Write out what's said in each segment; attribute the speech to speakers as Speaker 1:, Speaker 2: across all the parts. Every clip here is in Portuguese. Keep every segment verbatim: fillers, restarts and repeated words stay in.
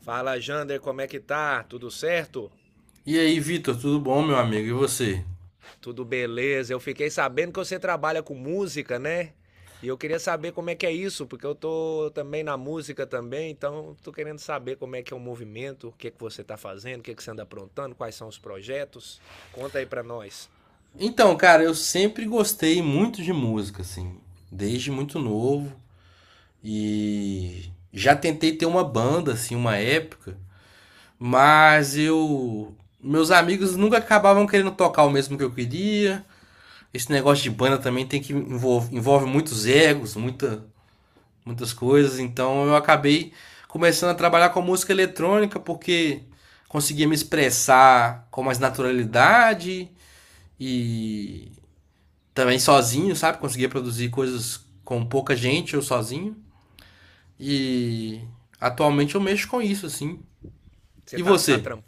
Speaker 1: Fala, Jander, como é que tá? Tudo certo?
Speaker 2: E aí, Vitor, tudo bom, meu amigo? E você?
Speaker 1: Tudo beleza. Eu fiquei sabendo que você trabalha com música, né? E eu queria saber como é que é isso, porque eu tô também na música também, então tô querendo saber como é que é o movimento, o que que você tá fazendo, o que que você anda aprontando, quais são os projetos. Conta aí pra nós.
Speaker 2: Então, cara, eu sempre gostei muito de música, assim, desde muito novo. E já tentei ter uma banda, assim, uma época, mas eu. Meus amigos nunca acabavam querendo tocar o mesmo que eu queria. Esse negócio de banda também tem que envolve, envolve muitos egos, muita, muitas coisas. Então eu acabei começando a trabalhar com música eletrônica porque conseguia me expressar com mais naturalidade e também sozinho, sabe? Conseguia produzir coisas com pouca gente ou sozinho. E atualmente eu mexo com isso, assim.
Speaker 1: Você
Speaker 2: E
Speaker 1: tá, tá,
Speaker 2: você?
Speaker 1: tram-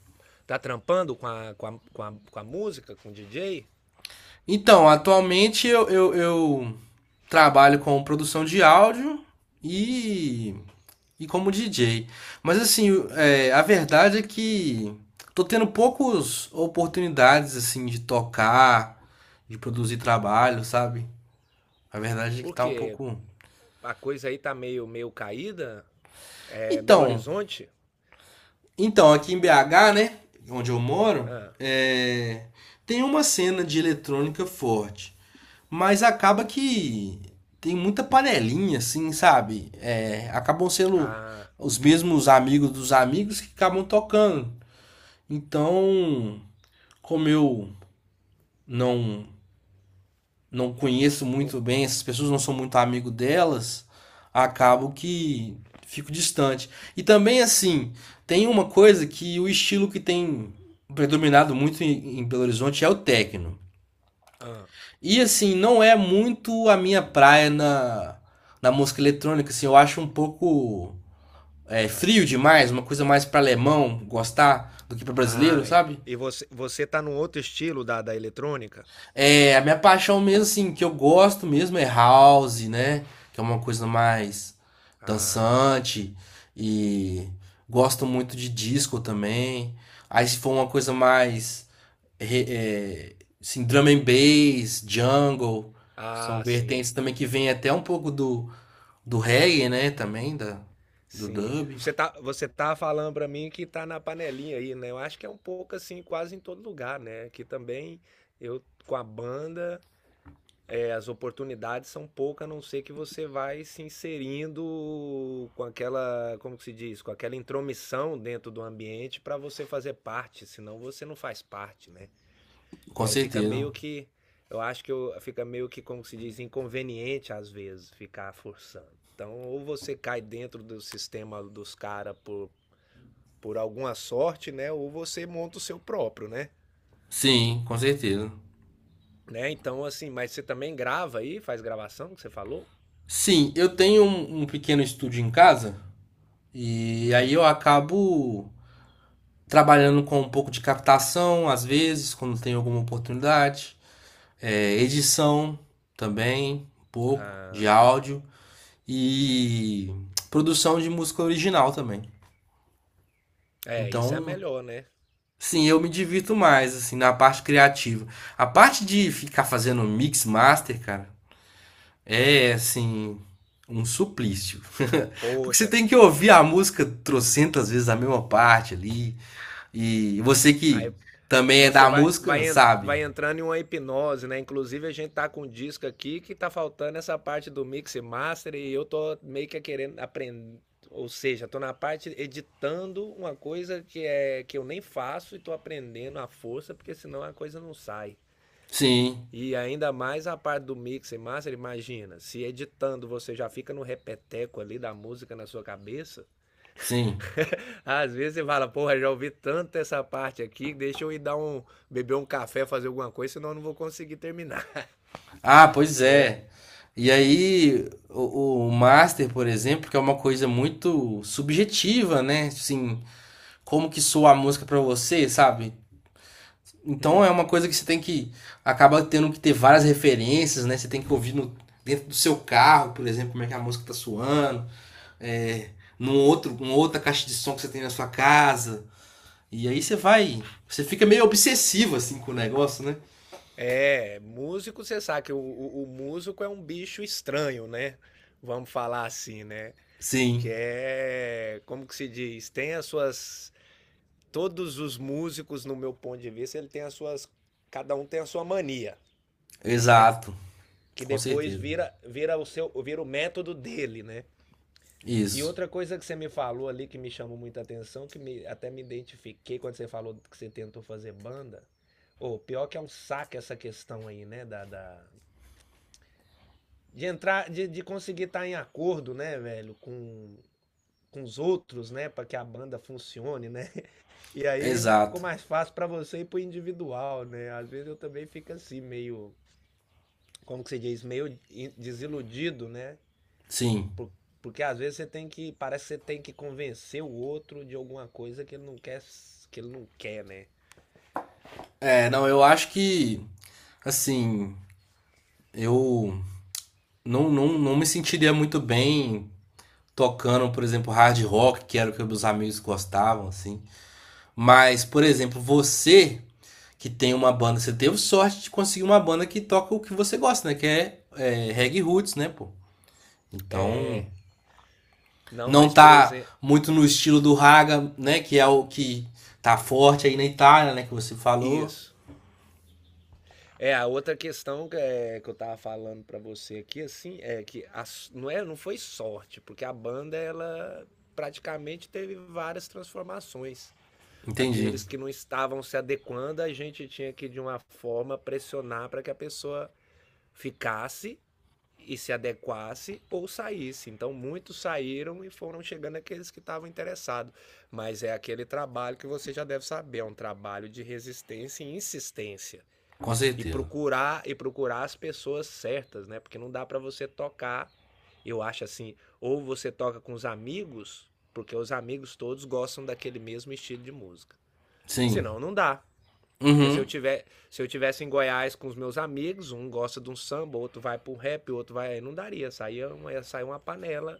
Speaker 1: Tá trampando com a, com, a, com, a, com a música, com o D J?
Speaker 2: Então, atualmente eu, eu, eu trabalho com produção de áudio e, e como D J. Mas assim, é, a verdade é que tô tendo poucas oportunidades assim de tocar, de produzir trabalho, sabe? A verdade é que
Speaker 1: Por
Speaker 2: tá um
Speaker 1: quê?
Speaker 2: pouco.
Speaker 1: A coisa aí tá meio, meio caída? É Belo
Speaker 2: Então,
Speaker 1: Horizonte?
Speaker 2: Então, aqui em B H, né, onde eu moro,
Speaker 1: Ah,
Speaker 2: é, tem uma cena de eletrônica forte, mas acaba que tem muita panelinha, assim, sabe? É, acabam sendo
Speaker 1: ah,
Speaker 2: os mesmos amigos dos amigos que acabam tocando. Então, como eu não não conheço
Speaker 1: não,
Speaker 2: muito bem, essas pessoas não sou muito amigo delas, acabo que fico distante. E também, assim, tem uma coisa que o estilo que tem predominado muito em, em Belo Horizonte é o techno.
Speaker 1: ah.
Speaker 2: E, assim, não é muito a minha praia na, na música eletrônica, assim, eu acho um pouco é, frio demais, uma coisa mais para alemão gostar do que para brasileiro,
Speaker 1: Ah,
Speaker 2: sabe?
Speaker 1: E você, você tá num outro estilo da, da eletrônica?
Speaker 2: É, a minha paixão mesmo, assim, que eu gosto mesmo é house, né? Que é uma coisa mais
Speaker 1: Ah,
Speaker 2: dançante. E gosto muito de disco também. Aí se for uma coisa mais, re- é, assim, drum and bass, jungle, que são
Speaker 1: ah, sim,
Speaker 2: vertentes também que vem até um pouco do, do reggae, né? Também, da, do
Speaker 1: sim.
Speaker 2: dub.
Speaker 1: Você tá, você tá falando pra mim que tá na panelinha aí, né? Eu acho que é um pouco assim, quase em todo lugar, né? Aqui também, eu com a banda, é, as oportunidades são poucas, a não ser que você vai se inserindo com aquela, como que se diz, com aquela intromissão dentro do ambiente pra você fazer parte, senão você não faz parte, né? E
Speaker 2: Com
Speaker 1: aí fica
Speaker 2: certeza.
Speaker 1: meio que. Eu acho que eu, Fica meio que, como se diz, inconveniente às vezes ficar forçando. Então, ou você cai dentro do sistema dos caras por, por alguma sorte, né? Ou você monta o seu próprio, né?
Speaker 2: Sim, com certeza.
Speaker 1: né? Então, assim, mas você também grava aí, faz gravação que você falou?
Speaker 2: Sim, eu tenho um, um pequeno estúdio em casa. E aí
Speaker 1: Hum,
Speaker 2: eu acabo trabalhando com um pouco de captação, às vezes, quando tem alguma oportunidade, é, edição também, um pouco
Speaker 1: ah,
Speaker 2: de áudio e produção de música original também.
Speaker 1: é, isso é
Speaker 2: Então,
Speaker 1: melhor, né?
Speaker 2: sim, eu me divirto mais assim na parte criativa. A parte de ficar fazendo mix master, cara, é assim um suplício. Porque você
Speaker 1: Poxa,
Speaker 2: tem que ouvir a música trocentas vezes a mesma parte ali. E você
Speaker 1: aí
Speaker 2: que também é
Speaker 1: Você
Speaker 2: da
Speaker 1: vai,
Speaker 2: música,
Speaker 1: vai, en-
Speaker 2: sabe?
Speaker 1: vai entrando em uma hipnose, né? Inclusive, a gente tá com um disco aqui que tá faltando essa parte do mix e master e eu tô meio que querendo aprender. Ou seja, tô na parte editando uma coisa que, é, que eu nem faço e tô aprendendo à força, porque senão a coisa não sai.
Speaker 2: Sim,
Speaker 1: E ainda mais a parte do mix e master, imagina, se editando você já fica no repeteco ali da música na sua cabeça.
Speaker 2: sim.
Speaker 1: Às vezes você fala, porra, já ouvi tanto essa parte aqui, deixa eu ir dar um, beber um café, fazer alguma coisa, senão eu não vou conseguir terminar,
Speaker 2: Ah, pois
Speaker 1: né?
Speaker 2: é. E aí, o, o master, por exemplo, que é uma coisa muito subjetiva, né? Assim, como que soa a música pra você, sabe? Então
Speaker 1: Hum,
Speaker 2: é uma coisa que você tem que acaba tendo que ter várias referências, né? Você tem que ouvir no, dentro do seu carro, por exemplo, como é que a música tá soando, é, num outro, uma outra caixa de som que você tem na sua casa. E aí você vai. Você fica meio obsessivo assim com o negócio, né?
Speaker 1: é, músico, você sabe que o, o, o músico é um bicho estranho, né? Vamos falar assim, né? Que
Speaker 2: Sim,
Speaker 1: é, como que se diz? Tem as suas, todos os músicos, no meu ponto de vista, ele tem as suas, cada um tem a sua mania, né?
Speaker 2: exato.
Speaker 1: Que
Speaker 2: Com
Speaker 1: depois
Speaker 2: certeza.
Speaker 1: vira, vira o seu, vira o método dele, né? E
Speaker 2: Isso,
Speaker 1: outra coisa que você me falou ali que me chamou muita atenção, que me- até me identifiquei quando você falou que você tentou fazer banda. Ô, pior que é um saco essa questão aí, né? Da, da- De entrar, de, de conseguir estar em acordo, né, velho, com, com os outros, né? Pra que a banda funcione, né? E aí ficou
Speaker 2: exato.
Speaker 1: mais fácil pra você ir pro individual, né? Às vezes eu também fico assim, meio, como que se diz, meio in- desiludido, né?
Speaker 2: Sim.
Speaker 1: Porque às vezes você tem que, parece que você tem que convencer o outro de alguma coisa que ele não quer, que ele não quer, né?
Speaker 2: É, não, eu acho que, assim, eu não, não, não me sentiria muito bem tocando, por exemplo, hard rock, que era o que meus amigos gostavam, assim. Mas, por exemplo, você que tem uma banda, você teve sorte de conseguir uma banda que toca o que você gosta, né? Que é, é reggae roots, né, pô? Então,
Speaker 1: Não,
Speaker 2: não
Speaker 1: mas por
Speaker 2: tá
Speaker 1: exemplo,
Speaker 2: muito no estilo do Raga, né? Que é o que tá forte aí na Itália, né? Que você falou.
Speaker 1: isso. É, a outra questão que, é, que eu tava falando pra você aqui, assim, é que a s- não é, não foi sorte, porque a banda, ela praticamente teve várias transformações.
Speaker 2: Entendi.
Speaker 1: Aqueles que não estavam se adequando, a gente tinha que, de uma forma, pressionar para que a pessoa ficasse e se adequasse ou saísse. Então muitos saíram e foram chegando aqueles que estavam interessados. Mas é aquele trabalho que você já deve saber, é um trabalho de resistência e insistência
Speaker 2: Com
Speaker 1: e
Speaker 2: certeza.
Speaker 1: procurar e procurar as pessoas certas, né? Porque não dá para você tocar, eu acho assim, ou você toca com os amigos, porque os amigos todos gostam daquele mesmo estilo de música.
Speaker 2: Sim.
Speaker 1: Senão não dá. Porque se eu
Speaker 2: Uhum.
Speaker 1: tiver, se eu tivesse em Goiás com os meus amigos, um gosta de um samba, outro vai pro rap, outro vai, não daria, saía uma, saía uma panela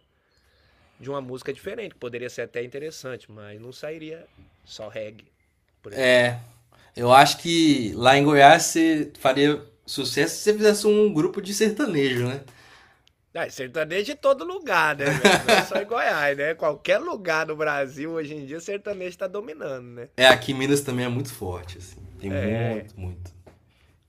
Speaker 1: de uma música diferente, que poderia ser até interessante, mas não sairia só reggae, por exemplo.
Speaker 2: Eu acho que lá em Goiás você faria sucesso se você fizesse um grupo de sertanejo, né?
Speaker 1: Ah, sertanejo de todo lugar, né, velho? Não só em Goiás, né? Qualquer lugar no Brasil hoje em dia, sertanejo tá dominando, né?
Speaker 2: É, aqui em Minas também é muito forte, assim. Tem
Speaker 1: É,
Speaker 2: muito, muito.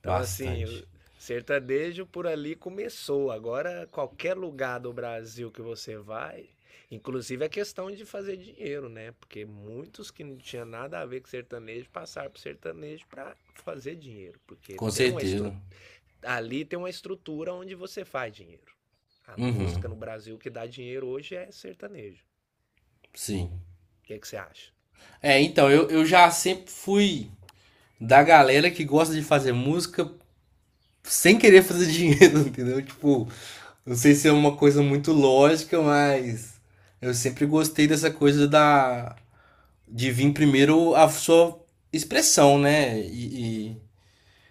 Speaker 1: então, assim, o
Speaker 2: Bastante.
Speaker 1: sertanejo por ali começou. Agora, qualquer lugar do Brasil que você vai, inclusive a questão de fazer dinheiro, né? Porque muitos que não tinham nada a ver com sertanejo passaram pro sertanejo para fazer dinheiro. Porque
Speaker 2: Com
Speaker 1: tem uma
Speaker 2: certeza.
Speaker 1: estrutura. Ali tem uma estrutura onde você faz dinheiro. A
Speaker 2: Uhum.
Speaker 1: música no Brasil que dá dinheiro hoje é sertanejo.
Speaker 2: Sim.
Speaker 1: O que que você acha?
Speaker 2: É, então, eu, eu já sempre fui da galera que gosta de fazer música sem querer fazer dinheiro, entendeu? Tipo, não sei se é uma coisa muito lógica, mas eu sempre gostei dessa coisa da de vir primeiro a sua expressão, né? E,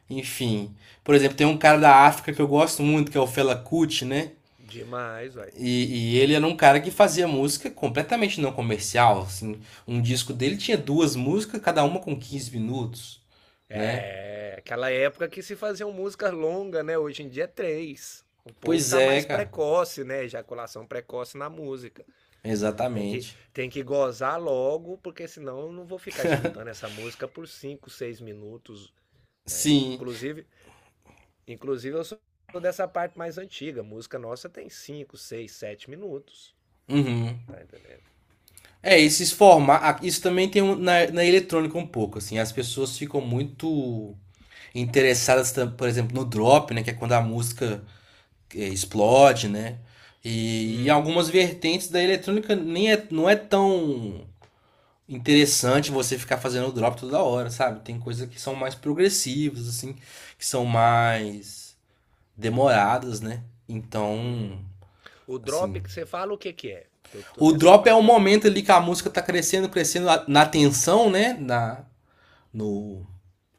Speaker 2: e, enfim, por exemplo, tem um cara da África que eu gosto muito, que é o Fela Kuti, né?
Speaker 1: Demais, velho.
Speaker 2: E, e ele era um cara que fazia música completamente não comercial, assim. Um disco dele tinha duas músicas, cada uma com quinze minutos, né?
Speaker 1: É, aquela época que se faziam músicas longas, né? Hoje em dia é três. O povo
Speaker 2: Pois
Speaker 1: tá
Speaker 2: é,
Speaker 1: mais
Speaker 2: cara.
Speaker 1: precoce, né? Ejaculação precoce na música. Tem que,
Speaker 2: Exatamente.
Speaker 1: tem que gozar logo, porque senão eu não vou ficar escutando essa música por cinco, seis minutos, né?
Speaker 2: Sim.
Speaker 1: Inclusive, inclusive eu sou dessa parte mais antiga. A música nossa tem cinco, seis, sete minutos.
Speaker 2: Uhum.
Speaker 1: Tá entendendo?
Speaker 2: É, esses formatos. Isso também tem um- na, na eletrônica um pouco, assim. As pessoas ficam muito interessadas, tam- por exemplo, no drop, né? Que é quando a música é, explode, né? E, e
Speaker 1: Hum.
Speaker 2: algumas vertentes da eletrônica nem é, não é tão interessante você ficar fazendo drop toda hora, sabe? Tem coisas que são mais progressivas, assim, que são mais demoradas, né? Então,
Speaker 1: O drop
Speaker 2: assim.
Speaker 1: que você fala, o que que é? Que eu tô
Speaker 2: O
Speaker 1: nessa
Speaker 2: drop é o
Speaker 1: parte, eu tô...
Speaker 2: momento ali que a música tá crescendo, crescendo a- na tensão, né? Na, no...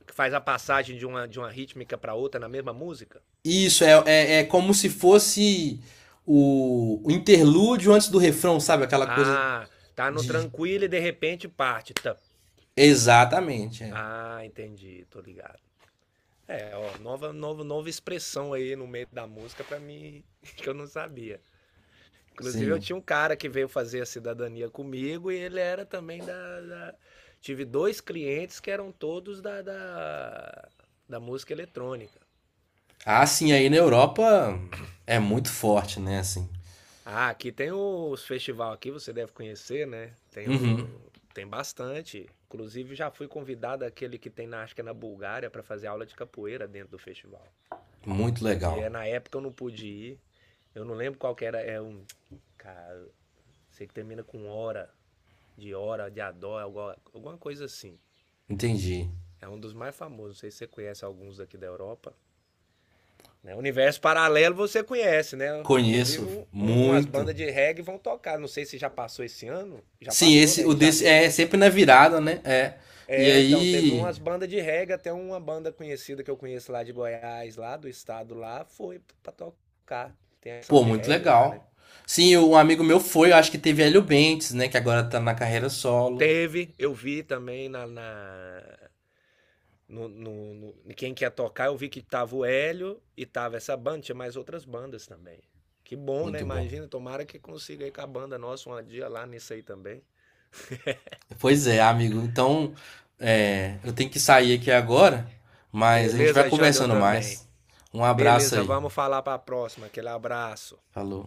Speaker 1: Que faz a passagem de uma, de uma rítmica pra outra na mesma música?
Speaker 2: Isso, é, é, é como se fosse o, o interlúdio antes do refrão, sabe? Aquela coisa
Speaker 1: Ah, tá no
Speaker 2: de.
Speaker 1: tranquilo e de repente parte. Tá.
Speaker 2: Exatamente, é.
Speaker 1: Ah, entendi, tô ligado. É, ó, nova, nova, nova expressão aí no meio da música pra mim que eu não sabia. Inclusive, eu
Speaker 2: Sim.
Speaker 1: tinha um cara que veio fazer a cidadania comigo e ele era também da. da- tive dois clientes que eram todos da, da, da música eletrônica.
Speaker 2: Ah, sim, aí na Europa é muito forte, né? Assim.
Speaker 1: Ah, aqui tem os festival aqui, você deve conhecer, né? Tem
Speaker 2: Uhum,
Speaker 1: o tem bastante. Inclusive já fui convidado aquele que tem na acho que é na Bulgária para fazer aula de capoeira dentro do festival.
Speaker 2: muito
Speaker 1: E
Speaker 2: legal.
Speaker 1: é na época eu não pude ir. Eu não lembro qual que era, é um cara, sei que termina com hora, de hora, de adó, alguma, alguma coisa assim.
Speaker 2: Entendi.
Speaker 1: É um dos mais famosos, não sei se você conhece alguns daqui da Europa. Né? Universo Paralelo você conhece, né? Inclusive,
Speaker 2: Conheço
Speaker 1: um, um- umas
Speaker 2: muito.
Speaker 1: bandas de reggae vão tocar. Não sei se já passou esse ano. Já
Speaker 2: Sim,
Speaker 1: passou,
Speaker 2: esse,
Speaker 1: né?
Speaker 2: o
Speaker 1: Em
Speaker 2: desse
Speaker 1: janeiro,
Speaker 2: é
Speaker 1: né?
Speaker 2: sempre na virada, né? É. E
Speaker 1: É, então, teve
Speaker 2: aí,
Speaker 1: umas bandas de reggae, até uma banda conhecida que eu conheço lá de Goiás, lá do estado lá, foi pra tocar. Tem ação
Speaker 2: pô,
Speaker 1: de
Speaker 2: muito
Speaker 1: reggae lá, né?
Speaker 2: legal. Sim, um amigo meu foi, eu acho que teve Hélio Bentes, né? Que agora tá na carreira solo.
Speaker 1: Teve, eu vi também na, na- no, no, no- quem quer tocar, eu vi que tava o Hélio e tava essa banda, tinha mais outras bandas também. Que bom, né?
Speaker 2: Muito bom.
Speaker 1: Imagina, tomara que consiga ir com a banda nossa um dia lá nisso aí também.
Speaker 2: Pois é, amigo. Então, é, eu tenho que sair aqui agora, mas a gente vai
Speaker 1: Beleza, Janda, eu
Speaker 2: conversando
Speaker 1: também.
Speaker 2: mais. Um abraço
Speaker 1: Beleza,
Speaker 2: aí.
Speaker 1: vamos falar pra próxima. Aquele abraço.
Speaker 2: Falou.